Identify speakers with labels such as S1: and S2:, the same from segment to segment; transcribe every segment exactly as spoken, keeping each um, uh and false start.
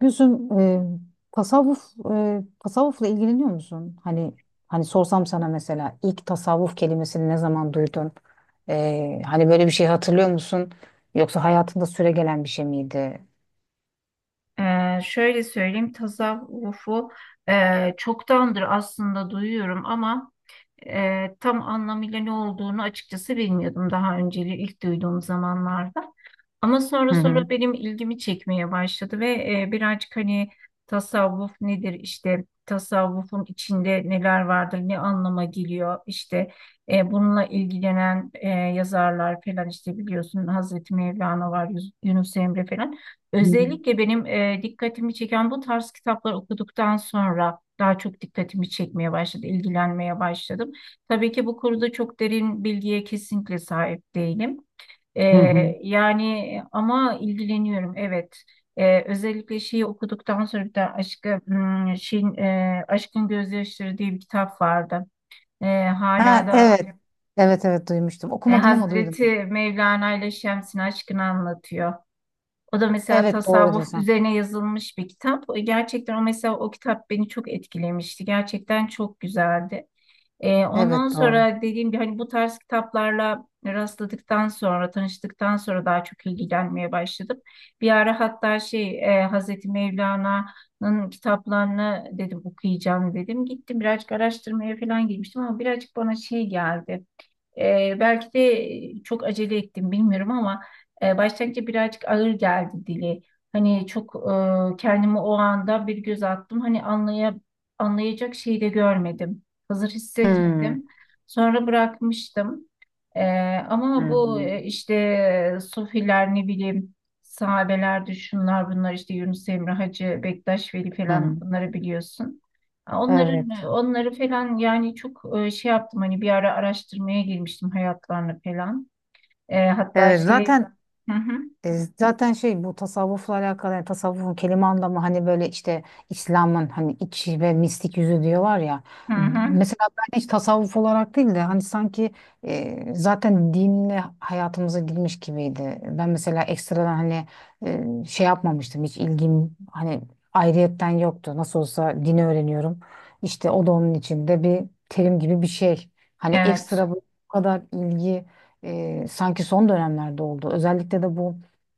S1: Gülsüm, e, tasavvuf e, tasavvufla ilgileniyor musun? Hani hani sorsam sana mesela ilk tasavvuf kelimesini ne zaman duydun? E, hani böyle bir şey hatırlıyor musun? Yoksa hayatında süregelen bir şey miydi?
S2: Ee, şöyle söyleyeyim tasavvufu e, çoktandır aslında duyuyorum ama e, tam anlamıyla ne olduğunu açıkçası bilmiyordum daha önceli ilk duyduğum zamanlarda. Ama sonra
S1: Hı hı.
S2: sonra benim ilgimi çekmeye başladı ve e, birazcık hani tasavvuf nedir, işte tasavvufun içinde neler vardır, ne anlama geliyor, işte e, bununla ilgilenen e, yazarlar falan, işte biliyorsun Hazreti Mevlana var, Yus- Yunus Emre falan.
S1: Hı
S2: Özellikle benim e, dikkatimi çeken bu tarz kitaplar okuduktan sonra daha çok dikkatimi çekmeye başladı, ilgilenmeye başladım. Tabii ki bu konuda çok derin bilgiye kesinlikle sahip değilim. Ee,
S1: hı. Hı.
S2: Yani ama ilgileniyorum, evet. Ee, özellikle şeyi okuduktan sonra bir de aşkı hmm, şeyin e, Aşkın Gözyaşları diye bir kitap vardı. Ee, Hala
S1: Ha
S2: da
S1: evet. Evet, evet, duymuştum.
S2: e,
S1: Okumadım ama duydum.
S2: Hazreti Mevlana ile Şems'in aşkını anlatıyor. O da mesela
S1: Evet, doğru
S2: tasavvuf
S1: diyorsun.
S2: üzerine yazılmış bir kitap. Gerçekten o mesela o kitap beni çok etkilemişti. Gerçekten çok güzeldi. Ee, ondan
S1: Evet, doğru.
S2: sonra dediğim gibi hani bu tarz kitaplarla rastladıktan sonra, tanıştıktan sonra daha çok ilgilenmeye başladım. Bir ara hatta şey e, Hazreti Mevlana'nın kitaplarını dedim okuyacağım dedim. Gittim birazcık araştırmaya falan girmiştim ama birazcık bana şey geldi. E, belki de çok acele ettim bilmiyorum ama e, başlangıçta birazcık ağır geldi dili. Hani çok e, kendimi o anda bir göz attım. Hani anlaya, anlayacak şeyi de görmedim. Hazır
S1: Hı.
S2: hissetmedim. Sonra bırakmıştım. E, Ama
S1: Hı.
S2: bu e, işte Sofiler ne bileyim, sahabelerdi, şunlar bunlar, işte Yunus Emre, Hacı Bektaş Veli
S1: Hı.
S2: falan, bunları biliyorsun. Onların
S1: Evet.
S2: onları falan yani çok e, şey yaptım, hani bir ara araştırmaya girmiştim hayatlarını falan. E, hatta
S1: Evet,
S2: şey,
S1: zaten
S2: hı hı,
S1: E, zaten şey, bu tasavvufla alakalı, yani tasavvufun kelime anlamı hani böyle işte İslam'ın hani içi ve mistik yüzü diyorlar ya.
S2: hı hı,
S1: Mesela ben hiç tasavvuf olarak değil de hani sanki e, zaten dinle hayatımıza girmiş gibiydi. Ben mesela ekstradan hani e, şey yapmamıştım, hiç ilgim hani ayrıyetten yoktu. Nasıl olsa dini öğreniyorum. İşte o da onun içinde bir terim gibi bir şey. Hani
S2: evet,
S1: ekstra bu kadar ilgi e, sanki son dönemlerde oldu. Özellikle de bu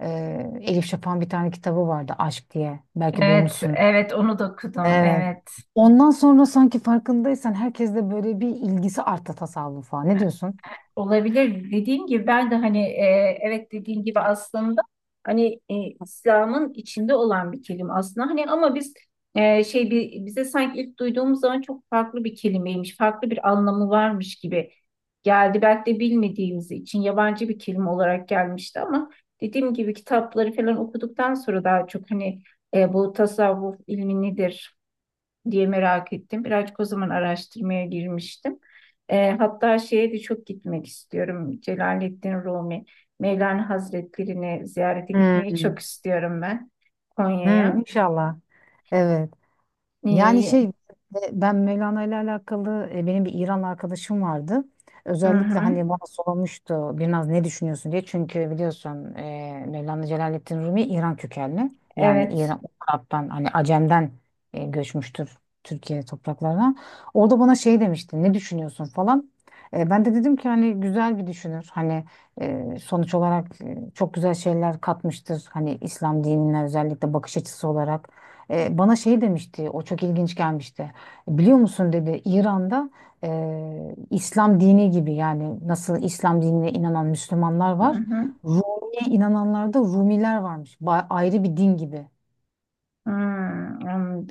S1: ee, Elif Şafak'ın bir tane kitabı vardı, Aşk diye. Belki
S2: evet,
S1: duymuşsun.
S2: evet, onu da okudum,
S1: Evet.
S2: evet.
S1: Ondan sonra sanki farkındaysan herkes de böyle bir ilgisi arttı tasavvufa. Ne diyorsun?
S2: Olabilir. Dediğim gibi ben de hani e, evet, dediğim gibi aslında hani e, İslam'ın içinde olan bir kelime aslında. Hani ama biz e, şey bir, bize sanki ilk duyduğumuz zaman çok farklı bir kelimeymiş, farklı bir anlamı varmış gibi geldi. Belki de bilmediğimiz için yabancı bir kelime olarak gelmişti ama dediğim gibi kitapları falan okuduktan sonra daha çok hani e, bu tasavvuf ilmi nedir diye merak ettim. Birazcık o zaman araştırmaya girmiştim. E, hatta şeye de çok gitmek istiyorum. Celaleddin Rumi, Mevlana Hazretleri'ni ziyarete gitmeyi
S1: Hmm.
S2: çok istiyorum ben,
S1: Hı,
S2: Konya'ya.
S1: inşallah. Evet. Yani
S2: E,
S1: şey e, Ben Mevlana ile alakalı, e, benim bir İran arkadaşım vardı.
S2: hı
S1: Özellikle
S2: hı,
S1: hani bana sormuştu biraz, ne düşünüyorsun diye. Çünkü biliyorsun e, Mevlana Celaleddin Rumi İran kökenli. Yani
S2: evet.
S1: İran, Arap'tan hani Acem'den e, göçmüştür Türkiye topraklarına. Orada bana şey demişti, ne düşünüyorsun falan. E, ben de dedim ki hani güzel bir düşünür. Hani e, sonuç olarak e, çok güzel şeyler katmıştır. Hani İslam dinine özellikle bakış açısı olarak. E, bana şey demişti, o çok ilginç gelmişti. Biliyor musun dedi, İran'da e, İslam dini gibi, yani nasıl İslam dinine inanan Müslümanlar
S2: Hı
S1: var.
S2: hı.
S1: Rumi'ye inananlarda Rumiler varmış. Ba- ayrı bir din gibi.
S2: Hı,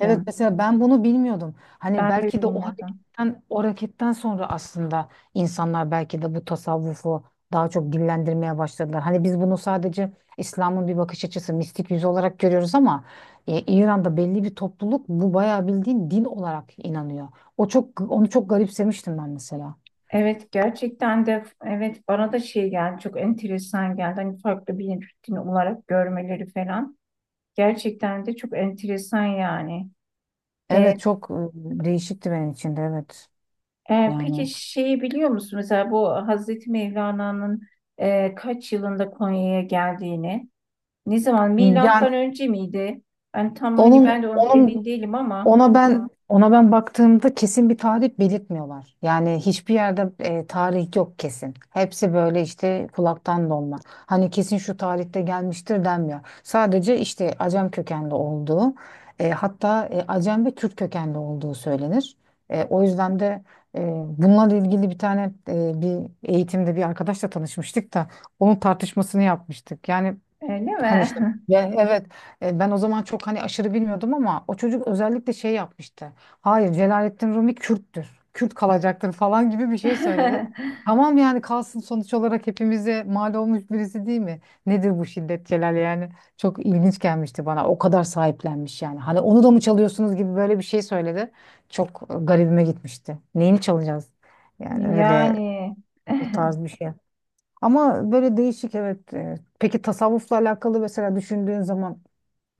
S1: Evet, mesela ben bunu bilmiyordum. Hani
S2: Ben de
S1: belki de o
S2: bilmiyordum.
S1: hareketten, o hareketten sonra aslında insanlar belki de bu tasavvufu daha çok dillendirmeye başladılar. Hani biz bunu sadece İslam'ın bir bakış açısı, mistik yüzü olarak görüyoruz ama e, İran'da belli bir topluluk bu bayağı bildiğin din olarak inanıyor. O çok, onu çok garipsemiştim ben mesela.
S2: Evet, gerçekten de evet, bana da şey geldi, çok enteresan geldi, hani farklı bir rutin olarak görmeleri falan gerçekten de çok enteresan yani. E,
S1: Evet, çok e, değişikti benim için de, evet.
S2: Ee, peki
S1: Yani
S2: şeyi biliyor musun? Mesela bu Hazreti Mevlana'nın e, kaç yılında Konya'ya geldiğini, ne zaman?
S1: yani
S2: Milattan önce miydi? Ben tam hani
S1: onun
S2: ben de onu emin
S1: onun
S2: değilim ama
S1: Ona ben ona ben baktığımda kesin bir tarih belirtmiyorlar. Yani hiçbir yerde e, tarih yok kesin. Hepsi böyle işte kulaktan dolma. Hani kesin şu tarihte gelmiştir denmiyor. Sadece işte Acem kökenli olduğu, e, hatta e, Acem ve Türk kökenli olduğu söylenir. E, o yüzden de e, bununla ilgili bir tane e, bir eğitimde bir arkadaşla tanışmıştık da onun tartışmasını yapmıştık. Yani
S2: öyle
S1: Hani
S2: mi?
S1: işte ve evet e, Ben o zaman çok hani aşırı bilmiyordum ama o çocuk özellikle şey yapmıştı. Hayır, Celalettin Rumi Kürttür. Kürt kalacaktır falan gibi bir şey söyledi. Tamam yani kalsın, sonuç olarak hepimize mal olmuş birisi değil mi? Nedir bu şiddet Celal yani? Çok ilginç gelmişti bana. O kadar sahiplenmiş yani. Hani onu da mı çalıyorsunuz gibi böyle bir şey söyledi. Çok e, garibime gitmişti. Neyini çalacağız? Yani öyle,
S2: Yani.
S1: o tarz bir şey. Ama böyle değişik evet. e, Peki tasavvufla alakalı mesela düşündüğün zaman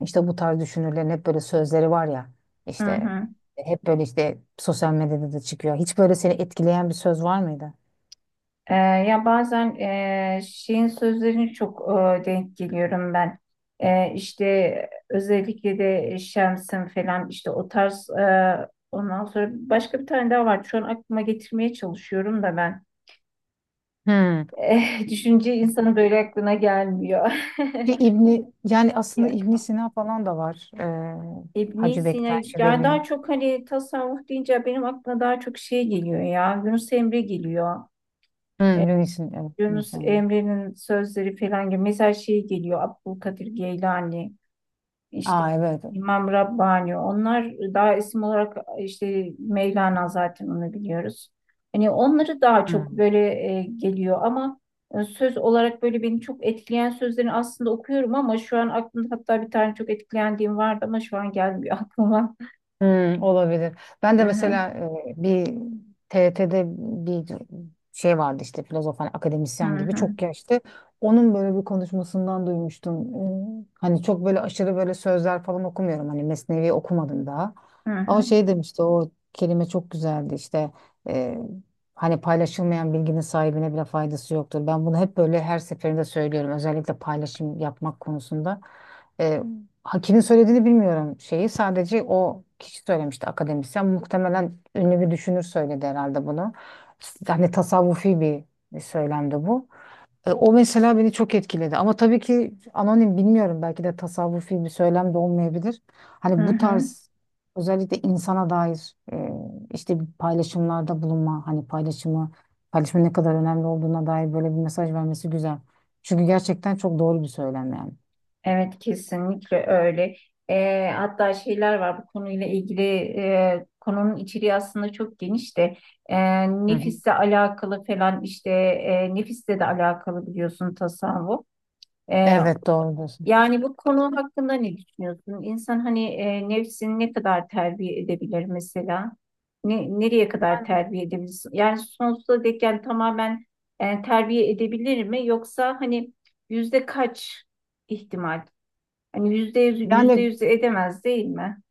S1: işte bu tarz düşünürlerin hep böyle sözleri var ya
S2: Hı
S1: işte,
S2: hı.
S1: e, hep böyle işte sosyal medyada da çıkıyor. Hiç böyle seni etkileyen bir söz var mıydı?
S2: Ee, ya bazen e, şeyin sözlerini çok e, denk geliyorum ben. E, işte özellikle de Şems'in falan, işte o tarz e, ondan sonra başka bir tane daha var. Şu an aklıma getirmeye çalışıyorum da ben.
S1: Hmm.
S2: Eh, düşünce insanın böyle aklına gelmiyor.
S1: Bir İbni yani aslında İbn
S2: Yok.
S1: Sina falan da var. Ee,
S2: İbn
S1: Hacı
S2: Sina,
S1: Bektaş
S2: ya
S1: Veli.
S2: daha çok hani tasavvuf deyince benim aklıma daha çok şey geliyor ya. Yunus Emre geliyor. E,
S1: Hmm. Yunus'un, evet.
S2: Yunus
S1: Yunus Emre.
S2: Emre'nin sözleri falan gibi. Mesela şey geliyor: Abdülkadir Geylani, işte
S1: Aa, evet.
S2: İmam Rabbani. Onlar daha isim olarak, işte Mevlana zaten onu biliyoruz. Hani onları daha çok böyle e, geliyor ama e, söz olarak böyle beni çok etkileyen sözlerini aslında okuyorum ama şu an aklımda, hatta bir tane çok etkilendiğim vardı ama şu an gelmiyor aklıma.
S1: Hmm, olabilir. Ben
S2: Hı
S1: de
S2: hı,
S1: mesela e, bir T R T'de bir şey vardı işte, filozof hani,
S2: hı
S1: akademisyen gibi
S2: hı,
S1: çok yaşlı. Onun böyle bir konuşmasından duymuştum. Ee, Hani çok böyle aşırı böyle sözler falan okumuyorum. Hani Mesnevi okumadım daha.
S2: hı
S1: Ama
S2: hı,
S1: şey demişti, o kelime çok güzeldi işte. e, Hani paylaşılmayan bilginin sahibine bile faydası yoktur. Ben bunu hep böyle her seferinde söylüyorum. Özellikle paylaşım yapmak konusunda. Ha, kimin söylediğini bilmiyorum şeyi. Sadece o kişi söylemişti, akademisyen. Muhtemelen ünlü bir düşünür söyledi herhalde bunu. Yani tasavvufi bir, bir söylemdi bu. E, o mesela beni çok etkiledi. Ama tabii ki anonim, bilmiyorum. Belki de tasavvufi bir söylem de olmayabilir.
S2: hı
S1: Hani bu
S2: hı.
S1: tarz özellikle insana dair e, işte bir paylaşımlarda bulunma, hani paylaşımı, paylaşımın ne kadar önemli olduğuna dair böyle bir mesaj vermesi güzel. Çünkü gerçekten çok doğru bir söylem yani.
S2: Evet, kesinlikle öyle. Ee, hatta şeyler var bu konuyla ilgili, e, konunun içeriği aslında çok geniş de e,
S1: Hı hı.
S2: nefisle alakalı falan, işte e, nefisle de alakalı biliyorsun tasavvuf. E,
S1: Evet, doğrudur.
S2: Yani bu konu hakkında ne düşünüyorsun? İnsan hani e, nefsini ne kadar terbiye edebilir mesela? Ne, nereye kadar terbiye edebilir? Yani sonsuza dek, yani tamamen e, terbiye edebilir mi? Yoksa hani yüzde kaç ihtimal? Hani yüzde yüz, yüzde
S1: Yani
S2: yüz edemez değil mi?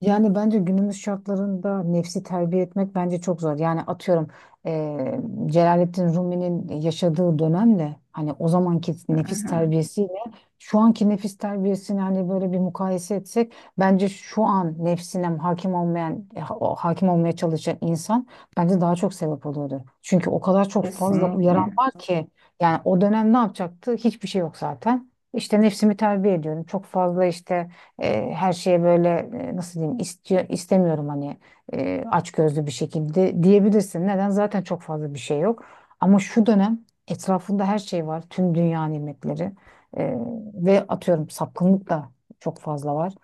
S1: yani bence günümüz şartlarında nefsi terbiye etmek bence çok zor. Yani atıyorum eee Celalettin Rumi'nin yaşadığı dönemle hani o zamanki
S2: Hı
S1: nefis
S2: hı,
S1: terbiyesiyle şu anki nefis terbiyesini hani böyle bir mukayese etsek, bence şu an nefsine hakim olmayan, e, ha- o hakim olmaya çalışan insan bence daha çok sebep oluyordu. Çünkü o kadar çok fazla uyaran
S2: kesinlikle.
S1: var ki, yani o dönem ne yapacaktı? Hiçbir şey yok zaten. İşte nefsimi terbiye ediyorum. Çok fazla işte e, her şeye böyle e, nasıl diyeyim, istiyor istemiyorum hani e, açgözlü bir şekilde diyebilirsin. Neden? Zaten çok fazla bir şey yok. Ama şu dönem etrafında her şey var. Tüm dünya nimetleri E, ve atıyorum sapkınlık da çok fazla var.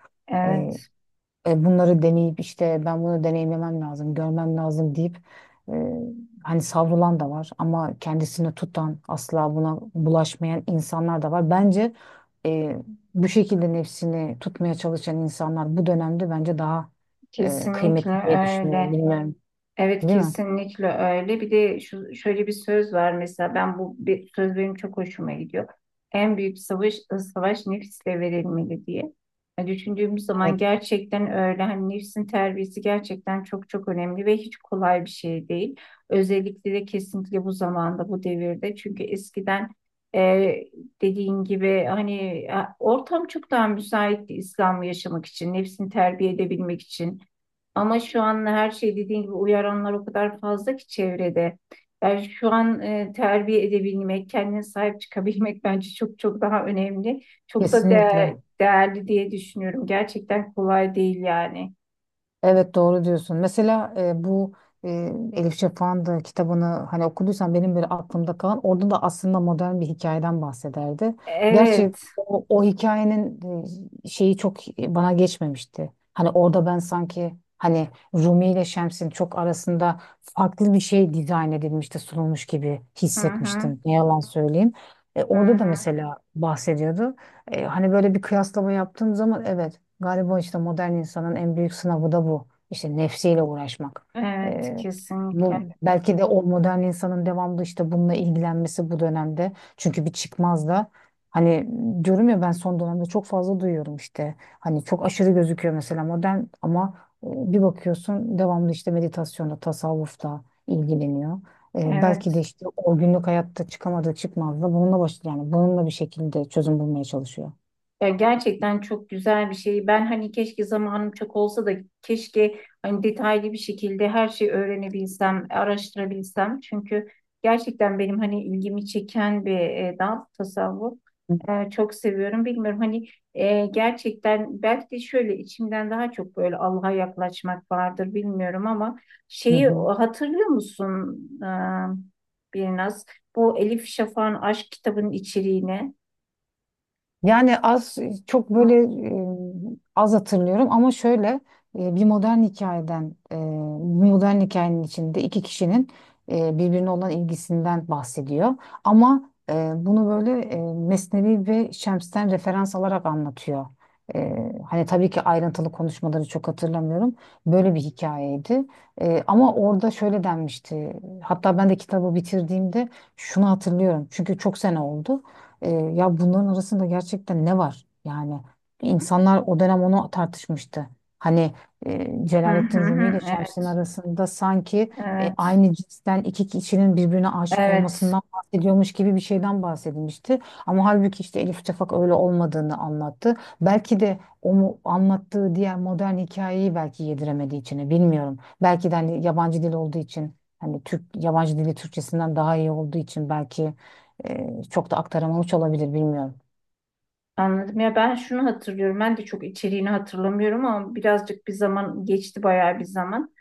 S1: E,
S2: Evet,
S1: e, Bunları deneyip işte ben bunu deneyimlemem lazım, görmem lazım deyip e, hani savrulan da var ama kendisini tutan, asla buna bulaşmayan insanlar da var. Bence e, bu şekilde nefsini tutmaya çalışan insanlar bu dönemde bence daha e,
S2: kesinlikle
S1: kıymetli diye düşünüyorum.
S2: öyle.
S1: Bilmiyorum,
S2: Evet,
S1: değil mi?
S2: kesinlikle öyle. Bir de şu, şöyle bir söz var mesela, ben bu bir, söz benim çok hoşuma gidiyor. En büyük savaş savaş nefisle verilmeli diye. Yani düşündüğümüz zaman
S1: Evet.
S2: gerçekten öyle. Hani nefsin terbiyesi gerçekten çok çok önemli ve hiç kolay bir şey değil. Özellikle de kesinlikle bu zamanda, bu devirde. Çünkü eskiden e, dediğin gibi hani e, ortam çok daha müsaitti İslam'ı yaşamak için, nefsini terbiye edebilmek için. Ama şu an her şey dediğin gibi, uyaranlar o kadar fazla ki çevrede. Yani şu an e, terbiye edebilmek, kendine sahip çıkabilmek bence çok çok daha önemli. Çok da
S1: Kesinlikle.
S2: değer- değerli diye düşünüyorum. Gerçekten kolay değil yani.
S1: Evet, doğru diyorsun. Mesela e, bu e, Elif Şafak'ın da kitabını hani okuduysan, benim böyle aklımda kalan, orada da aslında modern bir hikayeden bahsederdi. Gerçi
S2: Evet.
S1: o, o hikayenin e, şeyi çok e, bana geçmemişti. Hani orada ben sanki hani Rumi ile Şems'in çok arasında farklı bir şey dizayn edilmişti, sunulmuş gibi
S2: Hı hı,
S1: hissetmiştim. Ne yalan söyleyeyim. E,
S2: hı
S1: orada da
S2: hı.
S1: mesela bahsediyordu. E, hani böyle bir kıyaslama yaptığım zaman, evet, galiba işte modern insanın en büyük sınavı da bu. İşte nefsiyle uğraşmak.
S2: Evet,
S1: Ee,
S2: kesinlikle.
S1: Bu belki de o modern insanın devamlı işte bununla ilgilenmesi bu dönemde. Çünkü bir çıkmaz da hani, diyorum ya ben son dönemde çok fazla duyuyorum işte. Hani çok aşırı gözüküyor mesela modern ama e, bir bakıyorsun devamlı işte meditasyonda, tasavvufta ilgileniyor. Ee, belki de
S2: Evet.
S1: işte o günlük hayatta çıkamadığı çıkmazda bununla baş yani bununla bir şekilde çözüm bulmaya çalışıyor.
S2: Ya gerçekten çok güzel bir şey. Ben hani keşke zamanım çok olsa da keşke hani detaylı bir şekilde her şeyi öğrenebilsem, araştırabilsem. Çünkü gerçekten benim hani ilgimi çeken bir e, dal tasavvuf. E, çok seviyorum. Bilmiyorum hani e, gerçekten belki de şöyle içimden daha çok böyle Allah'a yaklaşmak vardır, bilmiyorum ama
S1: Hı
S2: şeyi
S1: hı.
S2: hatırlıyor musun e, Birnaz? Bu Elif Şafak'ın aşk kitabının içeriğini.
S1: Yani az çok böyle e, az hatırlıyorum ama şöyle e, bir modern hikayeden e, bir modern hikayenin içinde iki kişinin e, birbirine olan ilgisinden bahsediyor. Ama e, bunu böyle e, Mesnevi ve Şems'ten referans alarak anlatıyor. E, Hani tabii ki ayrıntılı konuşmaları çok hatırlamıyorum. Böyle bir hikayeydi. E, ama orada şöyle denmişti. Hatta ben de kitabı bitirdiğimde şunu hatırlıyorum. Çünkü çok sene oldu. Ee, ya bunların arasında gerçekten ne var? Yani insanlar o dönem onu tartışmıştı. Hani e,
S2: Hı hı
S1: Celalettin Rumi ile
S2: hı.
S1: Şems'in
S2: Evet.
S1: arasında sanki e,
S2: Evet,
S1: aynı cinsten iki kişinin birbirine aşık
S2: evet.
S1: olmasından bahsediyormuş gibi bir şeyden bahsedilmişti. Ama halbuki işte Elif Şafak öyle olmadığını anlattı. Belki de o mu- anlattığı diğer modern hikayeyi belki yediremediği için e, bilmiyorum. Belki de hani yabancı dil olduğu için, hani Türk yabancı dili Türkçesinden daha iyi olduğu için belki ee, çok da aktaramamış olabilir, bilmiyorum.
S2: Anladım. Ya ben şunu hatırlıyorum. Ben de çok içeriğini hatırlamıyorum ama birazcık bir zaman geçti, bayağı bir zaman.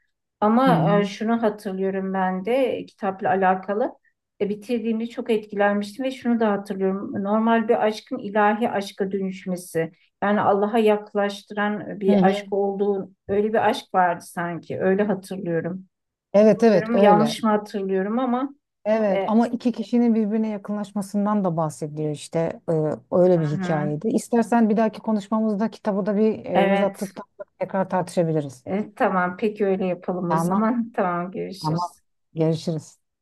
S1: Hı
S2: Ama e,
S1: hı.
S2: şunu hatırlıyorum ben de e, kitapla alakalı. E, bitirdiğimde çok etkilenmiştim ve şunu da hatırlıyorum. Normal bir aşkın ilahi aşka dönüşmesi. Yani Allah'a yaklaştıran
S1: Hı
S2: bir
S1: hı.
S2: aşk olduğu, öyle bir aşk vardı sanki. Öyle hatırlıyorum.
S1: Evet, evet,
S2: Bilmiyorum yanlış
S1: öyle.
S2: mı hatırlıyorum ama
S1: Evet
S2: e,
S1: ama iki kişinin birbirine yakınlaşmasından da bahsediyor işte. Ee,
S2: hı
S1: Öyle bir
S2: hı.
S1: hikayeydi. İstersen bir dahaki konuşmamızda kitabı da bir e, göz
S2: Evet.
S1: attıktan sonra tekrar tartışabiliriz.
S2: Evet, tamam. Peki öyle yapalım o
S1: Tamam,
S2: zaman. Tamam,
S1: tamam,
S2: görüşürüz.
S1: görüşürüz.